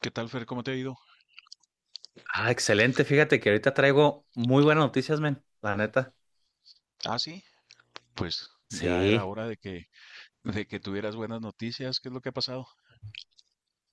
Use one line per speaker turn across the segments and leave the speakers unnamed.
¿Qué tal, Fer? ¿Cómo te ha ido?
Ah, excelente. Fíjate que ahorita traigo muy buenas noticias, men. La neta.
Ah, sí, pues ya era
Sí.
hora de que tuvieras buenas noticias. ¿Qué es lo que ha pasado?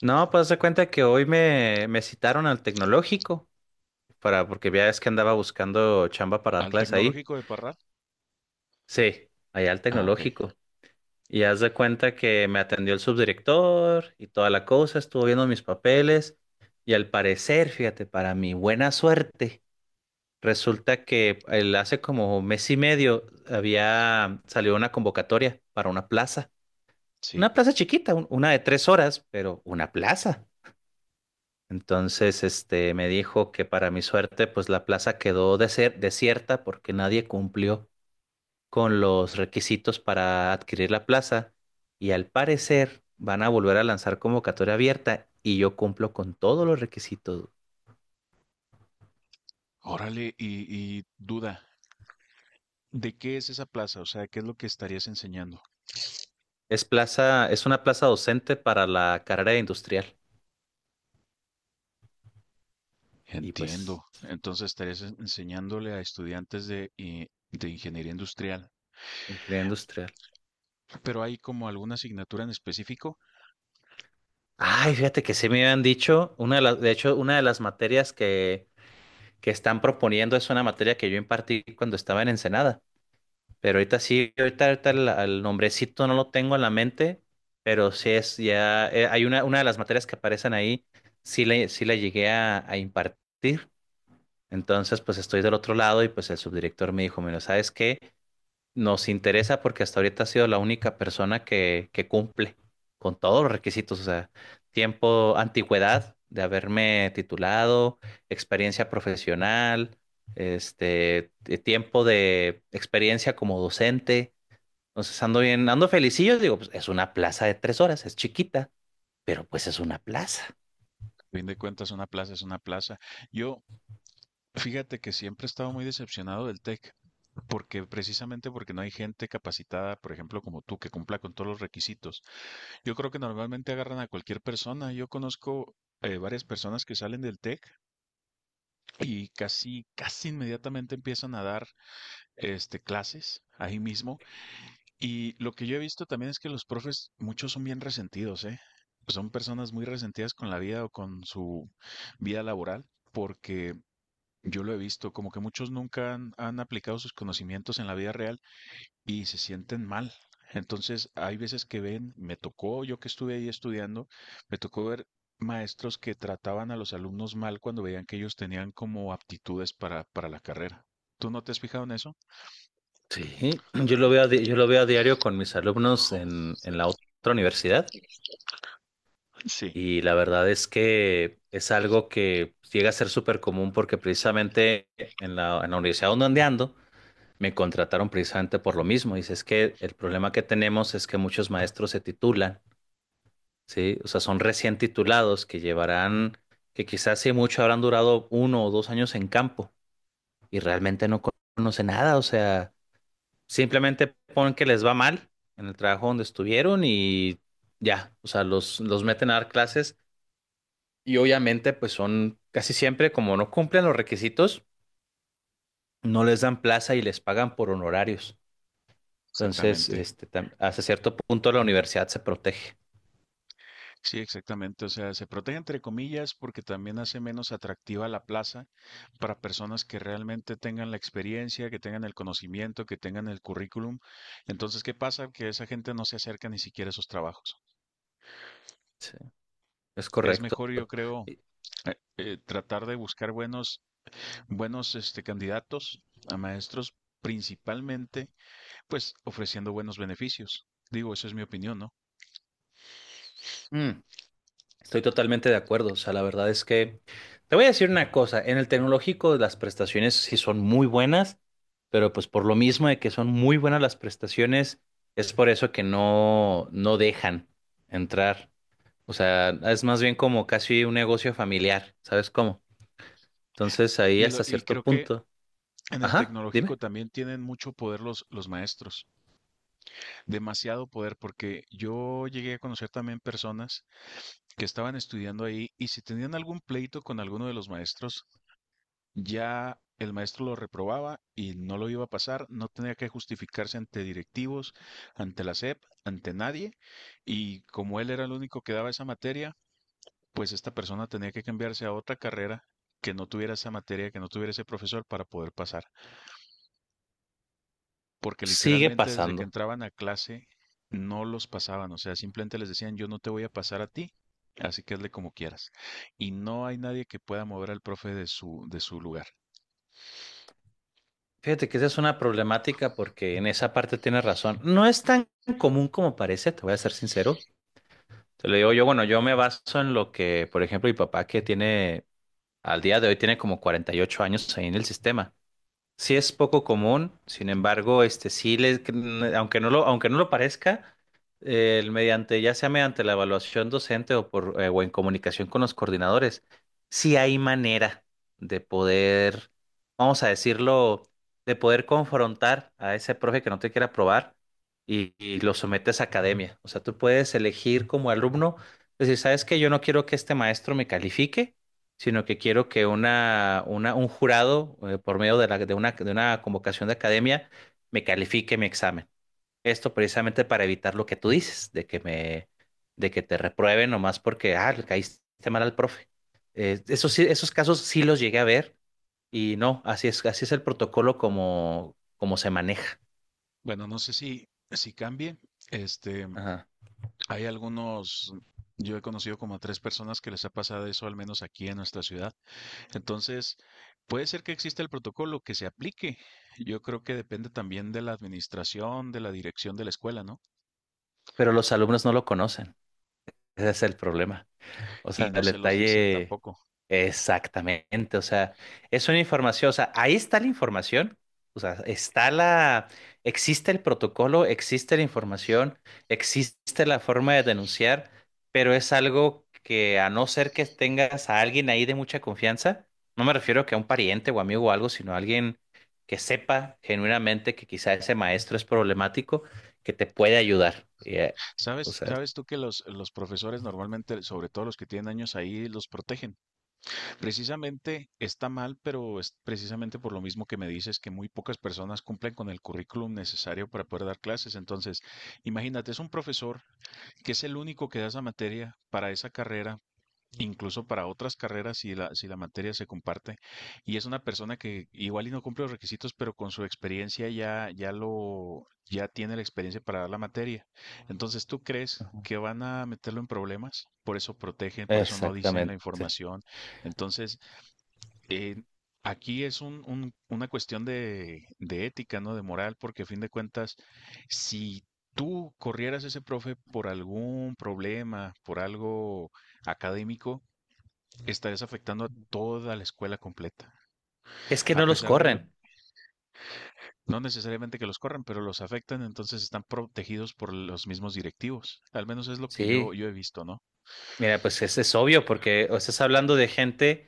No, pues haz de cuenta que hoy me citaron al tecnológico porque ya es que andaba buscando chamba para dar
¿Al
clases ahí.
tecnológico de Parral?
Sí, allá al
Ah, ok,
tecnológico. Y haz de cuenta que me atendió el subdirector y toda la cosa, estuvo viendo mis papeles. Y al parecer, fíjate, para mi buena suerte, resulta que hace como mes y medio había salido una convocatoria para una plaza.
sí.
Una plaza chiquita, una de tres horas, pero una plaza. Entonces, este, me dijo que para mi suerte, pues la plaza quedó desierta porque nadie cumplió con los requisitos para adquirir la plaza, y al parecer van a volver a lanzar convocatoria abierta y yo cumplo con todos los requisitos.
Órale, y duda, ¿de qué es esa plaza? O sea, ¿qué es lo que estarías enseñando?
Es plaza, es una plaza docente para la carrera de industrial y pues
Entiendo. Entonces estarías enseñándole a estudiantes de ingeniería industrial.
de ingeniería industrial.
Pero hay como alguna asignatura en específico.
Ay, fíjate que sí me habían dicho, una de las, de hecho, una de las materias que están proponiendo es una materia que yo impartí cuando estaba en Ensenada. Pero ahorita sí, ahorita el nombrecito no lo tengo en la mente, pero sí es ya, hay una de las materias que aparecen ahí, sí la llegué a impartir. Entonces, pues estoy del otro lado y pues el subdirector me dijo, mira, ¿sabes qué? Nos interesa porque hasta ahorita ha sido la única persona que cumple con todos los requisitos, o sea, tiempo, antigüedad de haberme titulado, experiencia profesional, este, de tiempo de experiencia como docente. Entonces ando bien, ando felicillo, digo, pues es una plaza de tres horas, es chiquita, pero pues es una plaza.
A fin de cuentas, una plaza es una plaza. Yo, Fíjate que siempre he estado muy decepcionado del TEC, porque precisamente porque no hay gente capacitada, por ejemplo, como tú, que cumpla con todos los requisitos. Yo creo que normalmente agarran a cualquier persona. Yo conozco varias personas que salen del TEC y casi, casi inmediatamente empiezan a dar clases ahí mismo. Y lo que yo he visto también es que los profes, muchos son bien resentidos, ¿eh? Son personas muy resentidas con la vida o con su vida laboral, porque yo lo he visto, como que muchos nunca han aplicado sus conocimientos en la vida real y se sienten mal. Entonces, hay veces que ven, me tocó, yo que estuve ahí estudiando, me tocó ver maestros que trataban a los alumnos mal cuando veían que ellos tenían como aptitudes para la carrera. ¿Tú no te has fijado en eso?
Sí, yo lo veo yo lo veo a diario con mis alumnos en, la otra universidad.
Sí,
Y la verdad es que es algo que llega a ser súper común porque precisamente en la universidad donde ando me contrataron precisamente por lo mismo. Dice, es que el problema que tenemos es que muchos maestros se titulan, ¿sí? O sea, son recién titulados que llevarán, que quizás si mucho habrán durado uno o dos años en campo y realmente no conocen nada. O sea, simplemente ponen que les va mal en el trabajo donde estuvieron y ya, o sea, los meten a dar clases. Y obviamente, pues son casi siempre, como no cumplen los requisitos, no les dan plaza y les pagan por honorarios. Entonces,
exactamente.
este, hasta cierto punto la universidad se protege.
Sí, exactamente. O sea, se protege entre comillas porque también hace menos atractiva la plaza para personas que realmente tengan la experiencia, que tengan el conocimiento, que tengan el currículum. Entonces, ¿qué pasa? Que esa gente no se acerca ni siquiera a esos trabajos.
Sí, es
Es
correcto.
mejor, yo creo,
Y-
tratar de buscar buenos, candidatos a maestros, principalmente, pues, ofreciendo buenos beneficios. Digo, eso es mi opinión, ¿no?
mm, Estoy totalmente de acuerdo. O sea, la verdad es que te voy a decir una cosa. En el tecnológico las prestaciones sí son muy buenas, pero pues por lo mismo de que son muy buenas las prestaciones, es por eso que no, no dejan entrar. O sea, es más bien como casi un negocio familiar, ¿sabes cómo? Entonces ahí hasta
Y
cierto
creo que
punto.
en el
Ajá,
tecnológico
dime.
también tienen mucho poder los maestros. Demasiado poder porque yo llegué a conocer también personas que estaban estudiando ahí y si tenían algún pleito con alguno de los maestros, ya el maestro lo reprobaba y no lo iba a pasar, no tenía que justificarse ante directivos, ante la SEP, ante nadie, y como él era el único que daba esa materia, pues esta persona tenía que cambiarse a otra carrera que no tuviera esa materia, que no tuviera ese profesor para poder pasar, porque
Sigue
literalmente desde que
pasando.
entraban a clase no los pasaban. O sea, simplemente les decían, yo no te voy a pasar a ti, así que hazle como quieras. Y no hay nadie que pueda mover al profe de su lugar.
Fíjate que esa es una problemática porque en esa parte tienes razón. No es tan común como parece, te voy a ser sincero. Te lo digo yo, bueno, yo me baso en lo que, por ejemplo, mi papá que tiene, al día de hoy tiene como 48 años ahí en el sistema. Sí es poco común, sin embargo, este sí les, aunque no lo parezca, el mediante, ya sea mediante la evaluación docente o por o en comunicación con los coordinadores, sí hay manera de poder, vamos a decirlo, de poder confrontar a ese profe que no te quiere aprobar, y lo sometes a academia. O sea, tú puedes elegir como alumno, decir, ¿sabes qué? Yo no quiero que este maestro me califique, sino que quiero que un jurado, por medio de, de una convocación de academia, me califique mi examen. Esto precisamente para evitar lo que tú dices, de que te reprueben nomás porque, ah, le caíste mal al profe. Esos casos sí los llegué a ver y no, así es el protocolo como, como se maneja.
Bueno, no sé si cambie, este,
Ajá.
hay algunos, yo he conocido como a tres personas que les ha pasado eso, al menos aquí en nuestra ciudad. Entonces, puede ser que exista el protocolo que se aplique. Yo creo que depende también de la administración, de la dirección de la escuela, ¿no?
Pero los alumnos no lo conocen. Ese es el problema. O
Y
sea,
no
el
se los dicen
detalle.
tampoco.
Exactamente, o sea, es una información, o sea, ahí está la información, o sea, existe el protocolo, existe la información, existe la forma de denunciar, pero es algo que a no ser que tengas a alguien ahí de mucha confianza, no me refiero que a un pariente o amigo o algo, sino a alguien que sepa genuinamente que quizá ese maestro es problemático, que te puede ayudar. O
¿Sabes,
sea,
sabes tú que los profesores normalmente, sobre todo los que tienen años ahí, los protegen? Precisamente está mal, pero es precisamente por lo mismo que me dices, que muy pocas personas cumplen con el currículum necesario para poder dar clases. Entonces, imagínate, es un profesor que es el único que da esa materia para esa carrera, incluso para otras carreras si si la materia se comparte. Y es una persona que igual y no cumple los requisitos, pero con su experiencia ya tiene la experiencia para dar la materia. Entonces, ¿tú crees que van a meterlo en problemas? Por eso protegen, por eso no dicen la
exactamente.
información. Entonces, eh, aquí es una cuestión de ética, ¿no? De moral, porque a fin de cuentas, si tú corrieras a ese profe por algún problema, por algo académico, estarías afectando a toda la escuela completa.
Es que no
A
los
pesar de, lo-
corren.
No necesariamente que los corran, pero los afectan, entonces están protegidos por los mismos directivos. Al menos es lo que
Sí,
yo he visto, ¿no?
mira, pues ese es obvio, porque o estás hablando de gente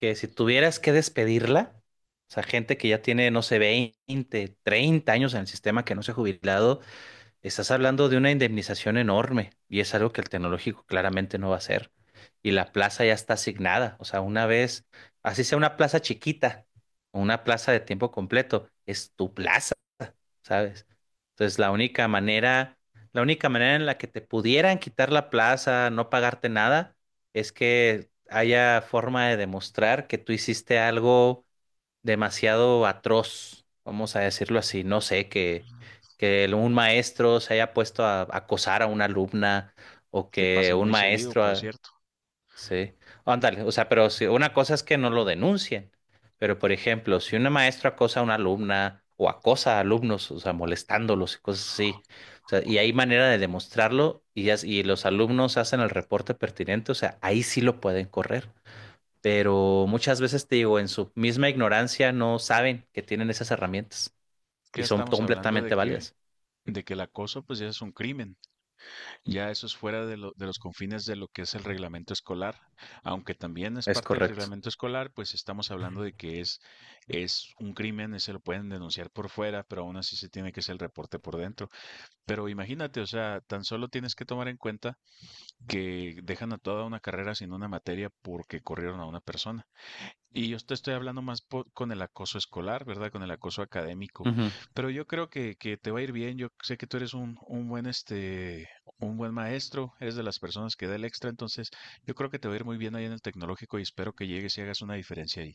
que si tuvieras que despedirla, o sea, gente que ya tiene, no sé, 20, 30 años en el sistema que no se ha jubilado, estás hablando de una indemnización enorme y es algo que el tecnológico claramente no va a hacer. Y la plaza ya está asignada, o sea, una vez, así sea una plaza chiquita o una plaza de tiempo completo, es tu plaza. ¿Sabes? Entonces, la única manera en la que te pudieran quitar la plaza, no pagarte nada, es que haya forma de demostrar que tú hiciste algo demasiado atroz, vamos a decirlo así, no sé, que un maestro se haya puesto a acosar a una alumna, o
Que
que
pasa
un
muy seguido,
maestro...
por cierto.
Sí, ándale, o sea, pero si una cosa es que no lo denuncien, pero por ejemplo, si una maestra acosa a una alumna o acosa a alumnos, o sea, molestándolos y cosas así, o sea, y hay manera de demostrarlo y, y los alumnos hacen el reporte pertinente, o sea, ahí sí lo pueden correr, pero muchas veces te digo, en su misma ignorancia no saben que tienen esas herramientas
Que
y
ya
son
estamos hablando
completamente válidas.
de que el acoso, pues ya es un crimen. Ya eso es fuera de los confines de lo que es el reglamento escolar. Aunque también es
Es
parte del
correcto.
reglamento escolar, pues estamos hablando de que es un crimen, y se lo pueden denunciar por fuera, pero aún así se tiene que hacer el reporte por dentro. Pero imagínate, o sea, tan solo tienes que tomar en cuenta que dejan a toda una carrera sin una materia porque corrieron a una persona. Y yo te estoy hablando con el acoso escolar, ¿verdad? Con el acoso académico.
Ujú.
Pero yo creo que te va a ir bien. Yo sé que tú eres un buen, un buen maestro, eres de las personas que da el extra, entonces yo creo que te va a ir muy bien ahí en el tecnológico y espero que llegues y hagas una diferencia ahí.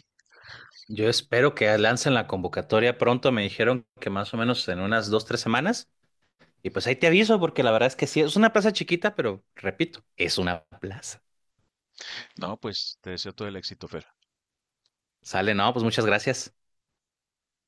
Yo espero que lancen la convocatoria pronto. Me dijeron que más o menos en unas 2, 3 semanas. Y pues ahí te aviso, porque la verdad es que sí, es una plaza chiquita, pero repito, es una plaza.
No, pues te deseo todo el éxito, Fer.
Sale, no, pues muchas gracias.